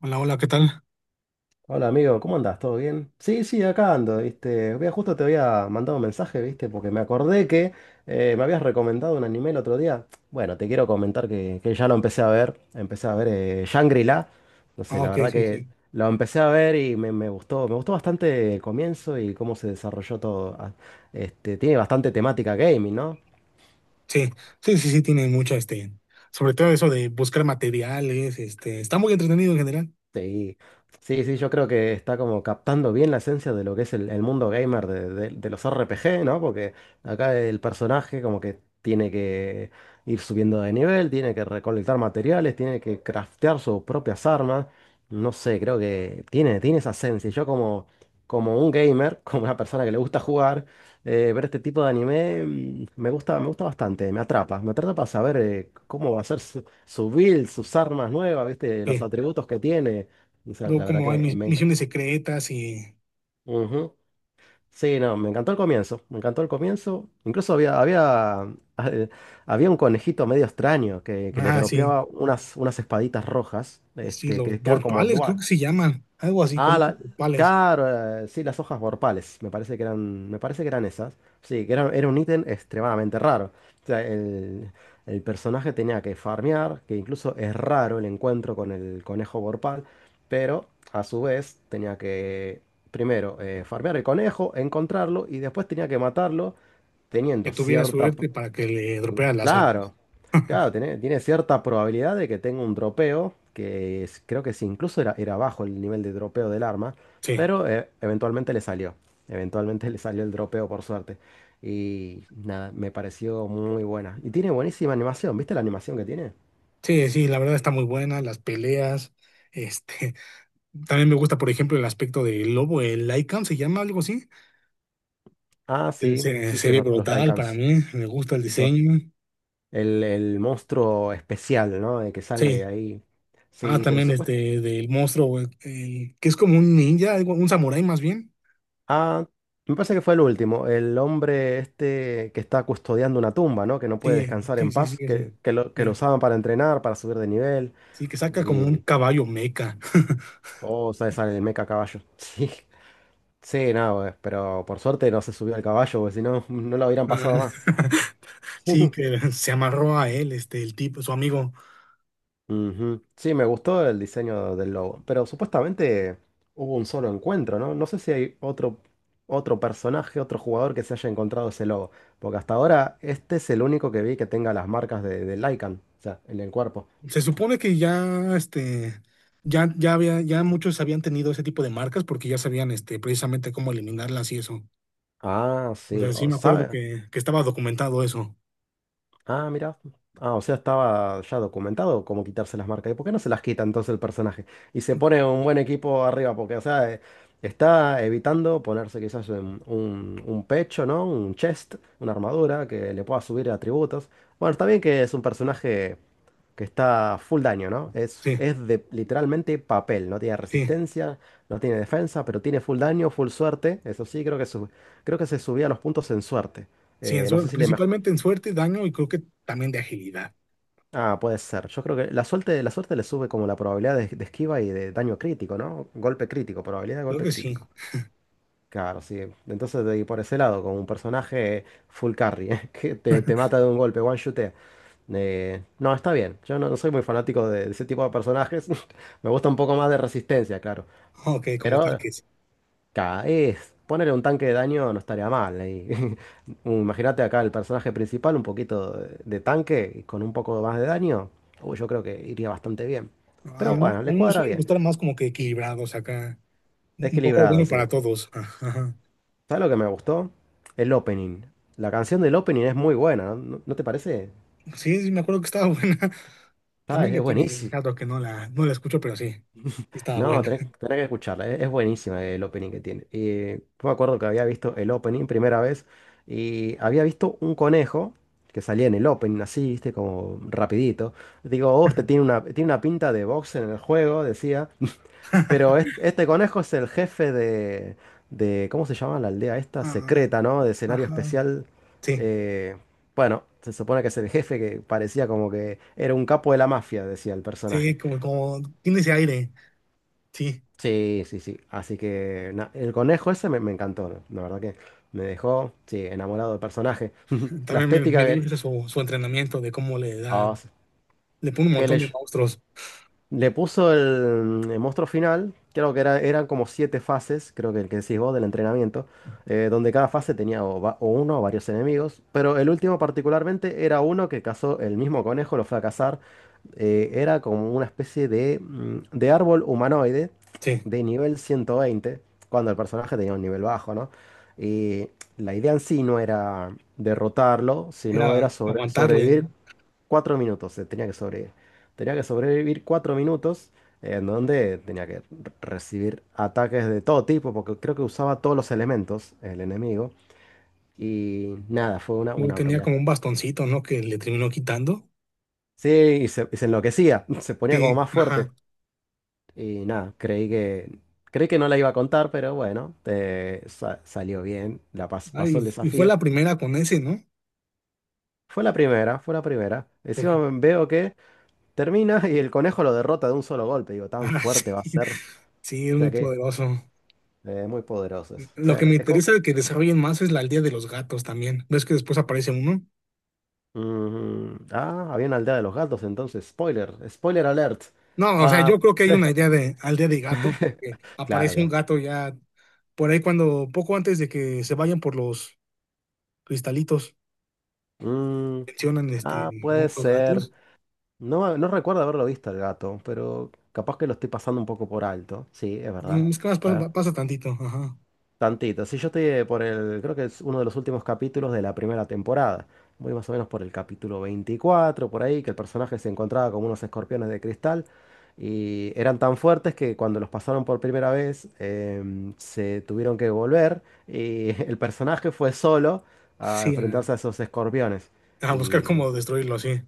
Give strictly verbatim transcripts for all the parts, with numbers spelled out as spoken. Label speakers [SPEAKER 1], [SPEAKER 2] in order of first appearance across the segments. [SPEAKER 1] Hola, hola, ¿qué tal?
[SPEAKER 2] Hola amigo, ¿cómo andas? ¿Todo bien? Sí, sí, acá ando, ¿viste? Vea, justo te había mandado un mensaje, ¿viste? Porque me acordé que eh, me habías recomendado un anime el otro día. Bueno, te quiero comentar que, que ya lo empecé a ver. Empecé a ver eh, Shangri-La. No sé,
[SPEAKER 1] Ah,
[SPEAKER 2] la
[SPEAKER 1] ok,
[SPEAKER 2] verdad
[SPEAKER 1] sí,
[SPEAKER 2] que
[SPEAKER 1] sí.
[SPEAKER 2] lo empecé a ver y me, me gustó. Me gustó bastante el comienzo y cómo se desarrolló todo. Ah, Este, tiene bastante temática gaming, ¿no?
[SPEAKER 1] Sí, sí, sí, sí, tiene mucho, este, sobre todo eso de buscar materiales, este, está muy entretenido en general.
[SPEAKER 2] Sí, sí, sí, yo creo que está como captando bien la esencia de lo que es el, el mundo gamer de, de- de los R P G, ¿no? Porque acá el personaje como que tiene que ir subiendo de nivel, tiene que recolectar materiales, tiene que craftear sus propias armas. No sé, creo que tiene, tiene esa esencia. Yo como, como un gamer, como una persona que le gusta jugar, eh, ver este tipo de anime mm, me gusta, me gusta bastante, me atrapa. Me atrapa saber eh, cómo va a ser su build, sus armas nuevas, ¿viste? Los
[SPEAKER 1] Sí.
[SPEAKER 2] atributos que tiene. O sea,
[SPEAKER 1] Luego
[SPEAKER 2] la verdad
[SPEAKER 1] como hay
[SPEAKER 2] que
[SPEAKER 1] mis-
[SPEAKER 2] me...
[SPEAKER 1] misiones secretas y,
[SPEAKER 2] Ujú. Sí, no, me encantó el comienzo, me encantó el comienzo. Incluso había, había, eh, había un conejito medio extraño que, que le
[SPEAKER 1] ah, sí,
[SPEAKER 2] dropeaba unas, unas espaditas rojas,
[SPEAKER 1] sí,
[SPEAKER 2] este,
[SPEAKER 1] los
[SPEAKER 2] que quedan como
[SPEAKER 1] portales, creo
[SPEAKER 2] dual.
[SPEAKER 1] que se llaman, algo así, con
[SPEAKER 2] Ah,
[SPEAKER 1] los
[SPEAKER 2] la,
[SPEAKER 1] portales,
[SPEAKER 2] claro, eh, sí, las hojas borpales, me parece que eran, me parece que eran esas. Sí, que era, era un ítem extremadamente raro. O sea, el, el personaje tenía que farmear, que incluso es raro el encuentro con el conejo borpal, pero a su vez tenía que primero eh, farmear el conejo, encontrarlo y después tenía que matarlo
[SPEAKER 1] que
[SPEAKER 2] teniendo
[SPEAKER 1] tuviera
[SPEAKER 2] cierta,
[SPEAKER 1] suerte para que le dropearan las
[SPEAKER 2] Claro,
[SPEAKER 1] armas.
[SPEAKER 2] claro, tiene, tiene cierta probabilidad de que tenga un dropeo, que es- creo que sí, incluso era, era bajo el nivel de dropeo del arma,
[SPEAKER 1] Sí,
[SPEAKER 2] pero eh, eventualmente le salió, eventualmente le salió el dropeo por suerte. Y nada, me pareció muy buena. Y tiene buenísima animación, ¿viste la animación que tiene?
[SPEAKER 1] sí, sí, la verdad está muy buena, las peleas, este, también me gusta, por ejemplo, el aspecto del lobo, el Lycan, ¿se llama algo así?
[SPEAKER 2] Ah,
[SPEAKER 1] eh,
[SPEAKER 2] sí,
[SPEAKER 1] Se,
[SPEAKER 2] sí, sí,
[SPEAKER 1] se
[SPEAKER 2] es
[SPEAKER 1] ve
[SPEAKER 2] verdad, los
[SPEAKER 1] brutal para
[SPEAKER 2] Lycans,
[SPEAKER 1] mí, me gusta el
[SPEAKER 2] los-
[SPEAKER 1] diseño.
[SPEAKER 2] el, el monstruo especial, ¿no? El que
[SPEAKER 1] Sí.
[SPEAKER 2] sale ahí.
[SPEAKER 1] Ah,
[SPEAKER 2] Sí, pero
[SPEAKER 1] también
[SPEAKER 2] supuestamente...
[SPEAKER 1] este del monstruo, güey, el- que es como un ninja, algo- un samurái más bien.
[SPEAKER 2] Ah, me parece que fue el último. El hombre este que está custodiando una tumba, ¿no? Que no puede
[SPEAKER 1] Sí,
[SPEAKER 2] descansar
[SPEAKER 1] sí,
[SPEAKER 2] en
[SPEAKER 1] sí,
[SPEAKER 2] paz,
[SPEAKER 1] sí,
[SPEAKER 2] que,
[SPEAKER 1] sí.
[SPEAKER 2] que lo, que lo
[SPEAKER 1] Bien.
[SPEAKER 2] usaban para entrenar, para subir de nivel.
[SPEAKER 1] Sí, que saca como un
[SPEAKER 2] Y.
[SPEAKER 1] caballo meca.
[SPEAKER 2] Oh, sale, sale el meca caballo. Sí. Sí, no, eh, pero por suerte no se subió al caballo, porque si no, no lo hubieran
[SPEAKER 1] Ah,
[SPEAKER 2] pasado más.
[SPEAKER 1] Sí, que se amarró a él, este, el tipo, su amigo.
[SPEAKER 2] Ujú. Sí, me gustó el diseño del logo, pero supuestamente hubo un solo encuentro, ¿no? No sé si hay otro, otro personaje, otro jugador que se haya encontrado ese logo, porque hasta ahora este es el único que vi que tenga las marcas de, del Lycan, o sea, en el cuerpo.
[SPEAKER 1] Se supone que ya, este, ya, ya había, ya muchos habían tenido ese tipo de marcas porque ya sabían, este, precisamente cómo eliminarlas y eso.
[SPEAKER 2] Ah,
[SPEAKER 1] O
[SPEAKER 2] sí,
[SPEAKER 1] sea, sí
[SPEAKER 2] o-
[SPEAKER 1] me acuerdo
[SPEAKER 2] ¿sabe?
[SPEAKER 1] que, que estaba documentado eso.
[SPEAKER 2] Ah, mira. Ah, o sea, estaba ya documentado cómo quitarse las marcas. ¿Y por qué no se las quita entonces el personaje? Y se pone un buen equipo arriba, porque, o sea, eh, está evitando ponerse quizás un, un- un pecho, ¿no? Un chest, una armadura que le pueda subir atributos. Bueno, está bien que es un personaje que está full daño, ¿no? Es,
[SPEAKER 1] Sí.
[SPEAKER 2] es de literalmente papel. No tiene
[SPEAKER 1] Sí,
[SPEAKER 2] resistencia, no tiene defensa, pero tiene full daño, full suerte. Eso sí, creo que, su- creo que se subía los puntos en suerte.
[SPEAKER 1] sí, en
[SPEAKER 2] Eh, no sé
[SPEAKER 1] suer-
[SPEAKER 2] si le, mej-
[SPEAKER 1] principalmente en suerte, daño y creo que también de agilidad.
[SPEAKER 2] Ah, puede ser. Yo creo que la suerte, la suerte le sube como la probabilidad de, de esquiva y de daño crítico, ¿no? Golpe crítico, probabilidad de
[SPEAKER 1] Creo
[SPEAKER 2] golpe
[SPEAKER 1] que sí.
[SPEAKER 2] crítico. Claro, sí. Entonces, de- y por ese lado, con un personaje full carry, que te, te mata de un golpe, one shotea. Eh, no, está bien. Yo no, no soy muy fanático de, de ese tipo de personajes. Me gusta un poco más de resistencia, claro.
[SPEAKER 1] Ok, como
[SPEAKER 2] Pero
[SPEAKER 1] tanques.
[SPEAKER 2] Ca- Es ponerle un tanque de daño no estaría mal. Ahí. Un- Imagínate acá el personaje principal, un poquito de, de tanque y con un poco más de daño. Uy, yo creo que iría bastante bien.
[SPEAKER 1] A
[SPEAKER 2] Pero
[SPEAKER 1] mí,
[SPEAKER 2] bueno,
[SPEAKER 1] a
[SPEAKER 2] le
[SPEAKER 1] mí me
[SPEAKER 2] cuadra
[SPEAKER 1] suelen
[SPEAKER 2] bien.
[SPEAKER 1] gustar más como que equilibrados acá. Un poco
[SPEAKER 2] Equilibrado,
[SPEAKER 1] bueno
[SPEAKER 2] sí.
[SPEAKER 1] para todos. Ajá.
[SPEAKER 2] ¿Sabes lo que me gustó? El opening. La canción del opening es muy buena, ¿no, ¿No no te parece?
[SPEAKER 1] Sí, sí, me acuerdo que estaba buena.
[SPEAKER 2] Ah, es,
[SPEAKER 1] También
[SPEAKER 2] es
[SPEAKER 1] ya tiene
[SPEAKER 2] buenísima.
[SPEAKER 1] rato que no la, no la escucho, pero sí, sí estaba
[SPEAKER 2] No,
[SPEAKER 1] buena.
[SPEAKER 2] tenés, tenés que escucharla, es, es buenísima el opening que tiene. Y yo me acuerdo que había visto el opening primera vez y había visto un conejo que salía en el opening así, viste, como rapidito. Digo, oh, este tiene una, tiene una pinta de boxer en el juego, decía. Pero es- este, conejo es el jefe de, de, ¿cómo se llama la aldea esta?
[SPEAKER 1] Ah,
[SPEAKER 2] Secreta, ¿no? De escenario
[SPEAKER 1] ajá.
[SPEAKER 2] especial.
[SPEAKER 1] Sí,
[SPEAKER 2] Eh, bueno, se supone que es el jefe que parecía como que era un capo de la mafia, decía el
[SPEAKER 1] sí,
[SPEAKER 2] personaje.
[SPEAKER 1] como, como tiene ese aire. Sí,
[SPEAKER 2] Sí, sí, sí. Así que na- el conejo ese me, me encantó, ¿no? La verdad que me dejó, sí, enamorado del personaje. La
[SPEAKER 1] también me, me
[SPEAKER 2] estética
[SPEAKER 1] dio
[SPEAKER 2] que...
[SPEAKER 1] risa su, su entrenamiento de cómo le da,
[SPEAKER 2] ah, sí.
[SPEAKER 1] le pone un
[SPEAKER 2] qué
[SPEAKER 1] montón de
[SPEAKER 2] Oh,
[SPEAKER 1] monstruos.
[SPEAKER 2] Le puso el, el monstruo final, creo que era, eran como siete fases, creo que el que decís vos del entrenamiento, eh, donde cada fase tenía o, va- o uno o varios enemigos, pero el último particularmente era uno que cazó el mismo conejo, lo fue a cazar, eh, era como una especie de, mm, de árbol humanoide
[SPEAKER 1] Sí,
[SPEAKER 2] de nivel ciento veinte, cuando el personaje tenía un nivel bajo, ¿no? Y la idea en sí no era derrotarlo, sino
[SPEAKER 1] era
[SPEAKER 2] era sobre-
[SPEAKER 1] aguantarle,
[SPEAKER 2] sobrevivir
[SPEAKER 1] ¿no?
[SPEAKER 2] cuatro minutos, eh, tenía que sobrevivir. Tenía que sobrevivir cuatro minutos eh, en donde tenía que recibir ataques de todo tipo, porque creo que usaba todos los elementos el enemigo. Y nada, fue una,
[SPEAKER 1] Luego
[SPEAKER 2] una
[SPEAKER 1] tenía
[SPEAKER 2] pelea.
[SPEAKER 1] como un bastoncito, ¿no? Que le terminó quitando.
[SPEAKER 2] Sí, y se, y se enloquecía, se ponía como
[SPEAKER 1] Sí,
[SPEAKER 2] más
[SPEAKER 1] ajá.
[SPEAKER 2] fuerte. Y nada, creí que, creí que no la iba a contar, pero bueno, eh, sa- salió bien, la pas-
[SPEAKER 1] Ah,
[SPEAKER 2] pasó el
[SPEAKER 1] y, y fue
[SPEAKER 2] desafío.
[SPEAKER 1] la primera con ese, ¿no?
[SPEAKER 2] Fue la primera, fue la primera.
[SPEAKER 1] Porque,
[SPEAKER 2] Encima veo que termina y el conejo lo derrota de un solo golpe. Digo, tan
[SPEAKER 1] ah, sí,
[SPEAKER 2] fuerte va a ser. O
[SPEAKER 1] sí, es
[SPEAKER 2] sea
[SPEAKER 1] muy
[SPEAKER 2] que
[SPEAKER 1] poderoso.
[SPEAKER 2] Eh, muy poderoso eso. O
[SPEAKER 1] Lo
[SPEAKER 2] sea,
[SPEAKER 1] que me
[SPEAKER 2] es como...
[SPEAKER 1] interesa de que desarrollen más es la aldea de los gatos también. ¿Ves que después aparece uno?
[SPEAKER 2] Mm, ah, había una aldea de los gatos entonces. Spoiler, spoiler alert.
[SPEAKER 1] No, o sea,
[SPEAKER 2] Ah,
[SPEAKER 1] yo creo que hay
[SPEAKER 2] sí.
[SPEAKER 1] una idea de aldea de gatos, porque
[SPEAKER 2] Claro,
[SPEAKER 1] aparece un
[SPEAKER 2] claro.
[SPEAKER 1] gato ya por ahí cuando, poco antes de que se vayan por los cristalitos,
[SPEAKER 2] Mm,
[SPEAKER 1] mencionan este,
[SPEAKER 2] ah,
[SPEAKER 1] ¿no?
[SPEAKER 2] puede
[SPEAKER 1] Los
[SPEAKER 2] ser.
[SPEAKER 1] gatos.
[SPEAKER 2] No, no recuerdo haberlo visto el gato, pero capaz que lo estoy pasando un poco por alto. Sí, es verdad.
[SPEAKER 1] Mm, es que más pasa, pasa tantito, ajá.
[SPEAKER 2] Tantito. Sí, yo estoy eh, por el, creo que es uno de los últimos capítulos de la primera temporada. Voy más o menos por el capítulo veinticuatro por ahí, que el personaje se encontraba como unos escorpiones de cristal y eran tan fuertes que cuando los pasaron por primera vez em, se tuvieron que volver y el personaje fue solo a
[SPEAKER 1] Sí,
[SPEAKER 2] enfrentarse
[SPEAKER 1] a,
[SPEAKER 2] a esos escorpiones.
[SPEAKER 1] a buscar
[SPEAKER 2] Y la-
[SPEAKER 1] cómo destruirlo, así.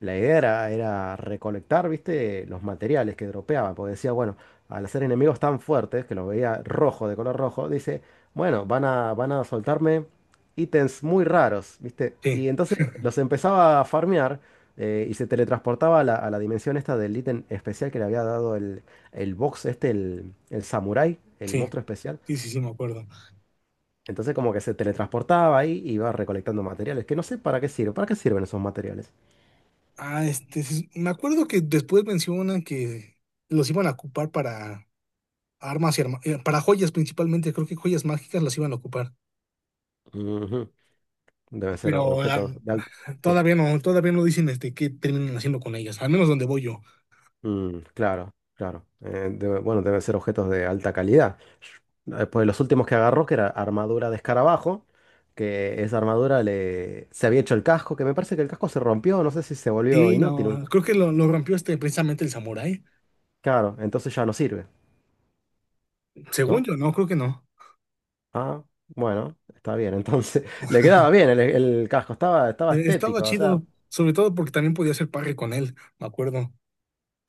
[SPEAKER 2] la idea era, era recolectar, viste, los materiales que dropeaba, porque decía, bueno, al hacer enemigos tan fuertes, que los veía rojo, de color rojo, dice, bueno, van a, van a soltarme ítems muy raros, viste.
[SPEAKER 1] Sí,
[SPEAKER 2] Y entonces los empezaba a farmear eh, y se teletransportaba a la, a la dimensión esta del ítem especial que le había dado el, el box este, el, el samurái, el
[SPEAKER 1] sí,
[SPEAKER 2] monstruo especial.
[SPEAKER 1] sí, sí, sí, me acuerdo.
[SPEAKER 2] Entonces como que se teletransportaba ahí y iba recolectando materiales, que no sé para qué sirve, para qué sirven esos materiales.
[SPEAKER 1] Ah, este, sí, me acuerdo que después mencionan que los iban a ocupar para armas y arma- eh, para joyas principalmente, creo que joyas mágicas las iban a ocupar,
[SPEAKER 2] Ujú. Deben ser
[SPEAKER 1] pero ah,
[SPEAKER 2] objetos de alta. Sí,
[SPEAKER 1] todavía no, todavía no dicen este qué terminan haciendo con ellas, al menos donde voy yo.
[SPEAKER 2] mm, claro, claro. Eh, debe- bueno, deben ser objetos de alta calidad. Después, los últimos que agarró, que era armadura de escarabajo, que esa armadura le... se había hecho el casco, que me parece que el casco se rompió, no sé si se volvió
[SPEAKER 1] Sí,
[SPEAKER 2] inútil. un-
[SPEAKER 1] no, creo que lo, lo rompió este precisamente el samurái.
[SPEAKER 2] Claro, entonces ya no sirve,
[SPEAKER 1] Según
[SPEAKER 2] ¿no?
[SPEAKER 1] yo, no, creo que no.
[SPEAKER 2] Ah, bueno, está bien. Entonces, le quedaba bien el, el casco, estaba, estaba
[SPEAKER 1] Eh, estaba
[SPEAKER 2] estético, o sea.
[SPEAKER 1] chido, sobre todo porque también podía hacer parry con él, me acuerdo.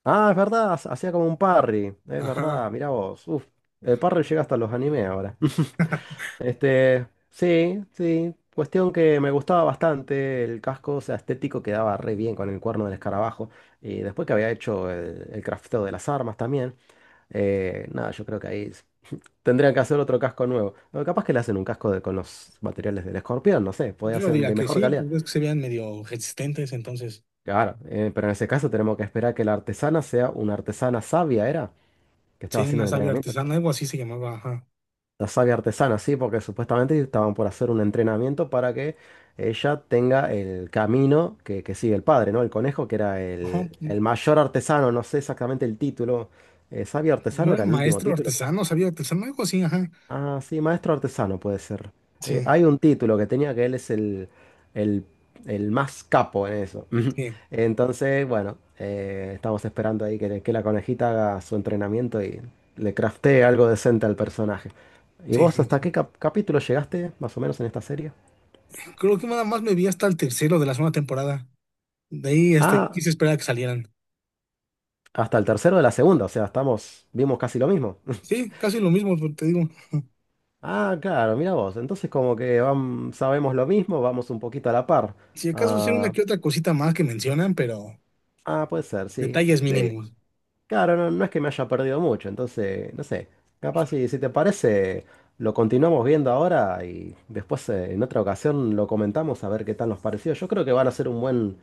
[SPEAKER 2] Ah, es verdad, hacía como un parry, es
[SPEAKER 1] Ajá.
[SPEAKER 2] verdad, mirá vos. Uf, el parry llega hasta los animes ahora. Este, sí, sí. Cuestión que me gustaba bastante el casco, o sea, estético quedaba re bien con el cuerno del escarabajo. Y después que había hecho el, el crafteo de las armas también, eh, nada, yo creo que ahí s- tendrían que hacer otro casco nuevo. O capaz que le hacen un casco de- con los materiales del escorpión, no sé, podría
[SPEAKER 1] Yo
[SPEAKER 2] ser
[SPEAKER 1] diría
[SPEAKER 2] de
[SPEAKER 1] que
[SPEAKER 2] mejor
[SPEAKER 1] sí,
[SPEAKER 2] calidad.
[SPEAKER 1] pues ves que se veían medio resistentes, entonces.
[SPEAKER 2] Claro, eh, pero en ese caso tenemos que esperar que la artesana sea una artesana sabia, ¿era? Que estaba
[SPEAKER 1] Sí,
[SPEAKER 2] haciendo
[SPEAKER 1] una
[SPEAKER 2] el
[SPEAKER 1] sabia
[SPEAKER 2] entrenamiento.
[SPEAKER 1] artesana, algo así se llamaba, ajá.
[SPEAKER 2] La savia artesana, sí, porque supuestamente estaban por hacer un entrenamiento para que ella tenga el camino que, que sigue el padre, ¿no? El conejo, que era
[SPEAKER 1] Ajá,
[SPEAKER 2] el,
[SPEAKER 1] pu-
[SPEAKER 2] el mayor artesano, no sé exactamente el título. Eh, ¿sabio
[SPEAKER 1] no
[SPEAKER 2] artesano
[SPEAKER 1] era
[SPEAKER 2] era el último
[SPEAKER 1] maestro
[SPEAKER 2] título?
[SPEAKER 1] artesano, sabio artesano, algo así, ajá.
[SPEAKER 2] Ah, sí, maestro artesano puede ser. Eh,
[SPEAKER 1] Sí,
[SPEAKER 2] hay un título que tenía que él es el, el- el más capo en eso.
[SPEAKER 1] sí,
[SPEAKER 2] Entonces, bueno, eh, estamos esperando ahí que, que la conejita haga su entrenamiento y le craftee algo decente al personaje. ¿Y
[SPEAKER 1] sí,
[SPEAKER 2] vos
[SPEAKER 1] sí,
[SPEAKER 2] hasta
[SPEAKER 1] sí.
[SPEAKER 2] qué cap- capítulo llegaste, más o menos, en esta serie?
[SPEAKER 1] Creo que nada más me vi hasta el tercero de la segunda temporada. De ahí, este,
[SPEAKER 2] Ah,
[SPEAKER 1] quise esperar a que salieran.
[SPEAKER 2] hasta el tercero de la segunda, o sea, estamos, vimos casi lo mismo.
[SPEAKER 1] Sí, casi lo mismo, pero te digo.
[SPEAKER 2] Ah, claro, mira vos. Entonces como que vam- sabemos lo mismo, vamos un poquito a la par.
[SPEAKER 1] Si acaso sí una
[SPEAKER 2] Ah,
[SPEAKER 1] que otra cosita más que mencionan, pero
[SPEAKER 2] ah, puede ser, sí.
[SPEAKER 1] detalles mínimos.
[SPEAKER 2] Claro, no, no es que me haya perdido mucho, entonces, no sé, capaz si, si te parece, lo continuamos viendo ahora y después eh, en otra ocasión lo comentamos a ver qué tal nos pareció. Yo creo que van a ser un buen,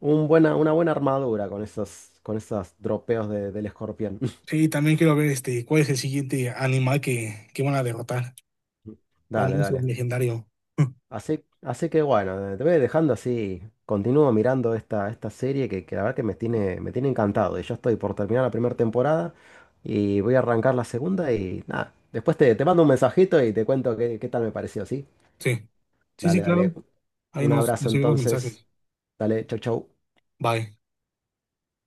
[SPEAKER 2] un buena, una buena armadura con esos, con esos dropeos de- del escorpión.
[SPEAKER 1] Sí, también quiero ver este, cuál es el siguiente animal que, que van a derrotar al
[SPEAKER 2] Dale,
[SPEAKER 1] monstruo
[SPEAKER 2] dale.
[SPEAKER 1] legendario.
[SPEAKER 2] Así, así que bueno, eh, te voy dejando así. Continúo mirando esta, esta serie que, que la verdad que me tiene, me tiene encantado. Y yo estoy por terminar la primera temporada y voy a arrancar la segunda y nada. Después te, te mando un mensajito y te cuento qué, qué tal me pareció, ¿sí?
[SPEAKER 1] Sí, sí, sí,
[SPEAKER 2] Dale,
[SPEAKER 1] claro.
[SPEAKER 2] dale.
[SPEAKER 1] Ahí
[SPEAKER 2] Un
[SPEAKER 1] nos,
[SPEAKER 2] abrazo
[SPEAKER 1] nos enviamos
[SPEAKER 2] entonces.
[SPEAKER 1] mensajes.
[SPEAKER 2] Dale, chau, chau.
[SPEAKER 1] Bye.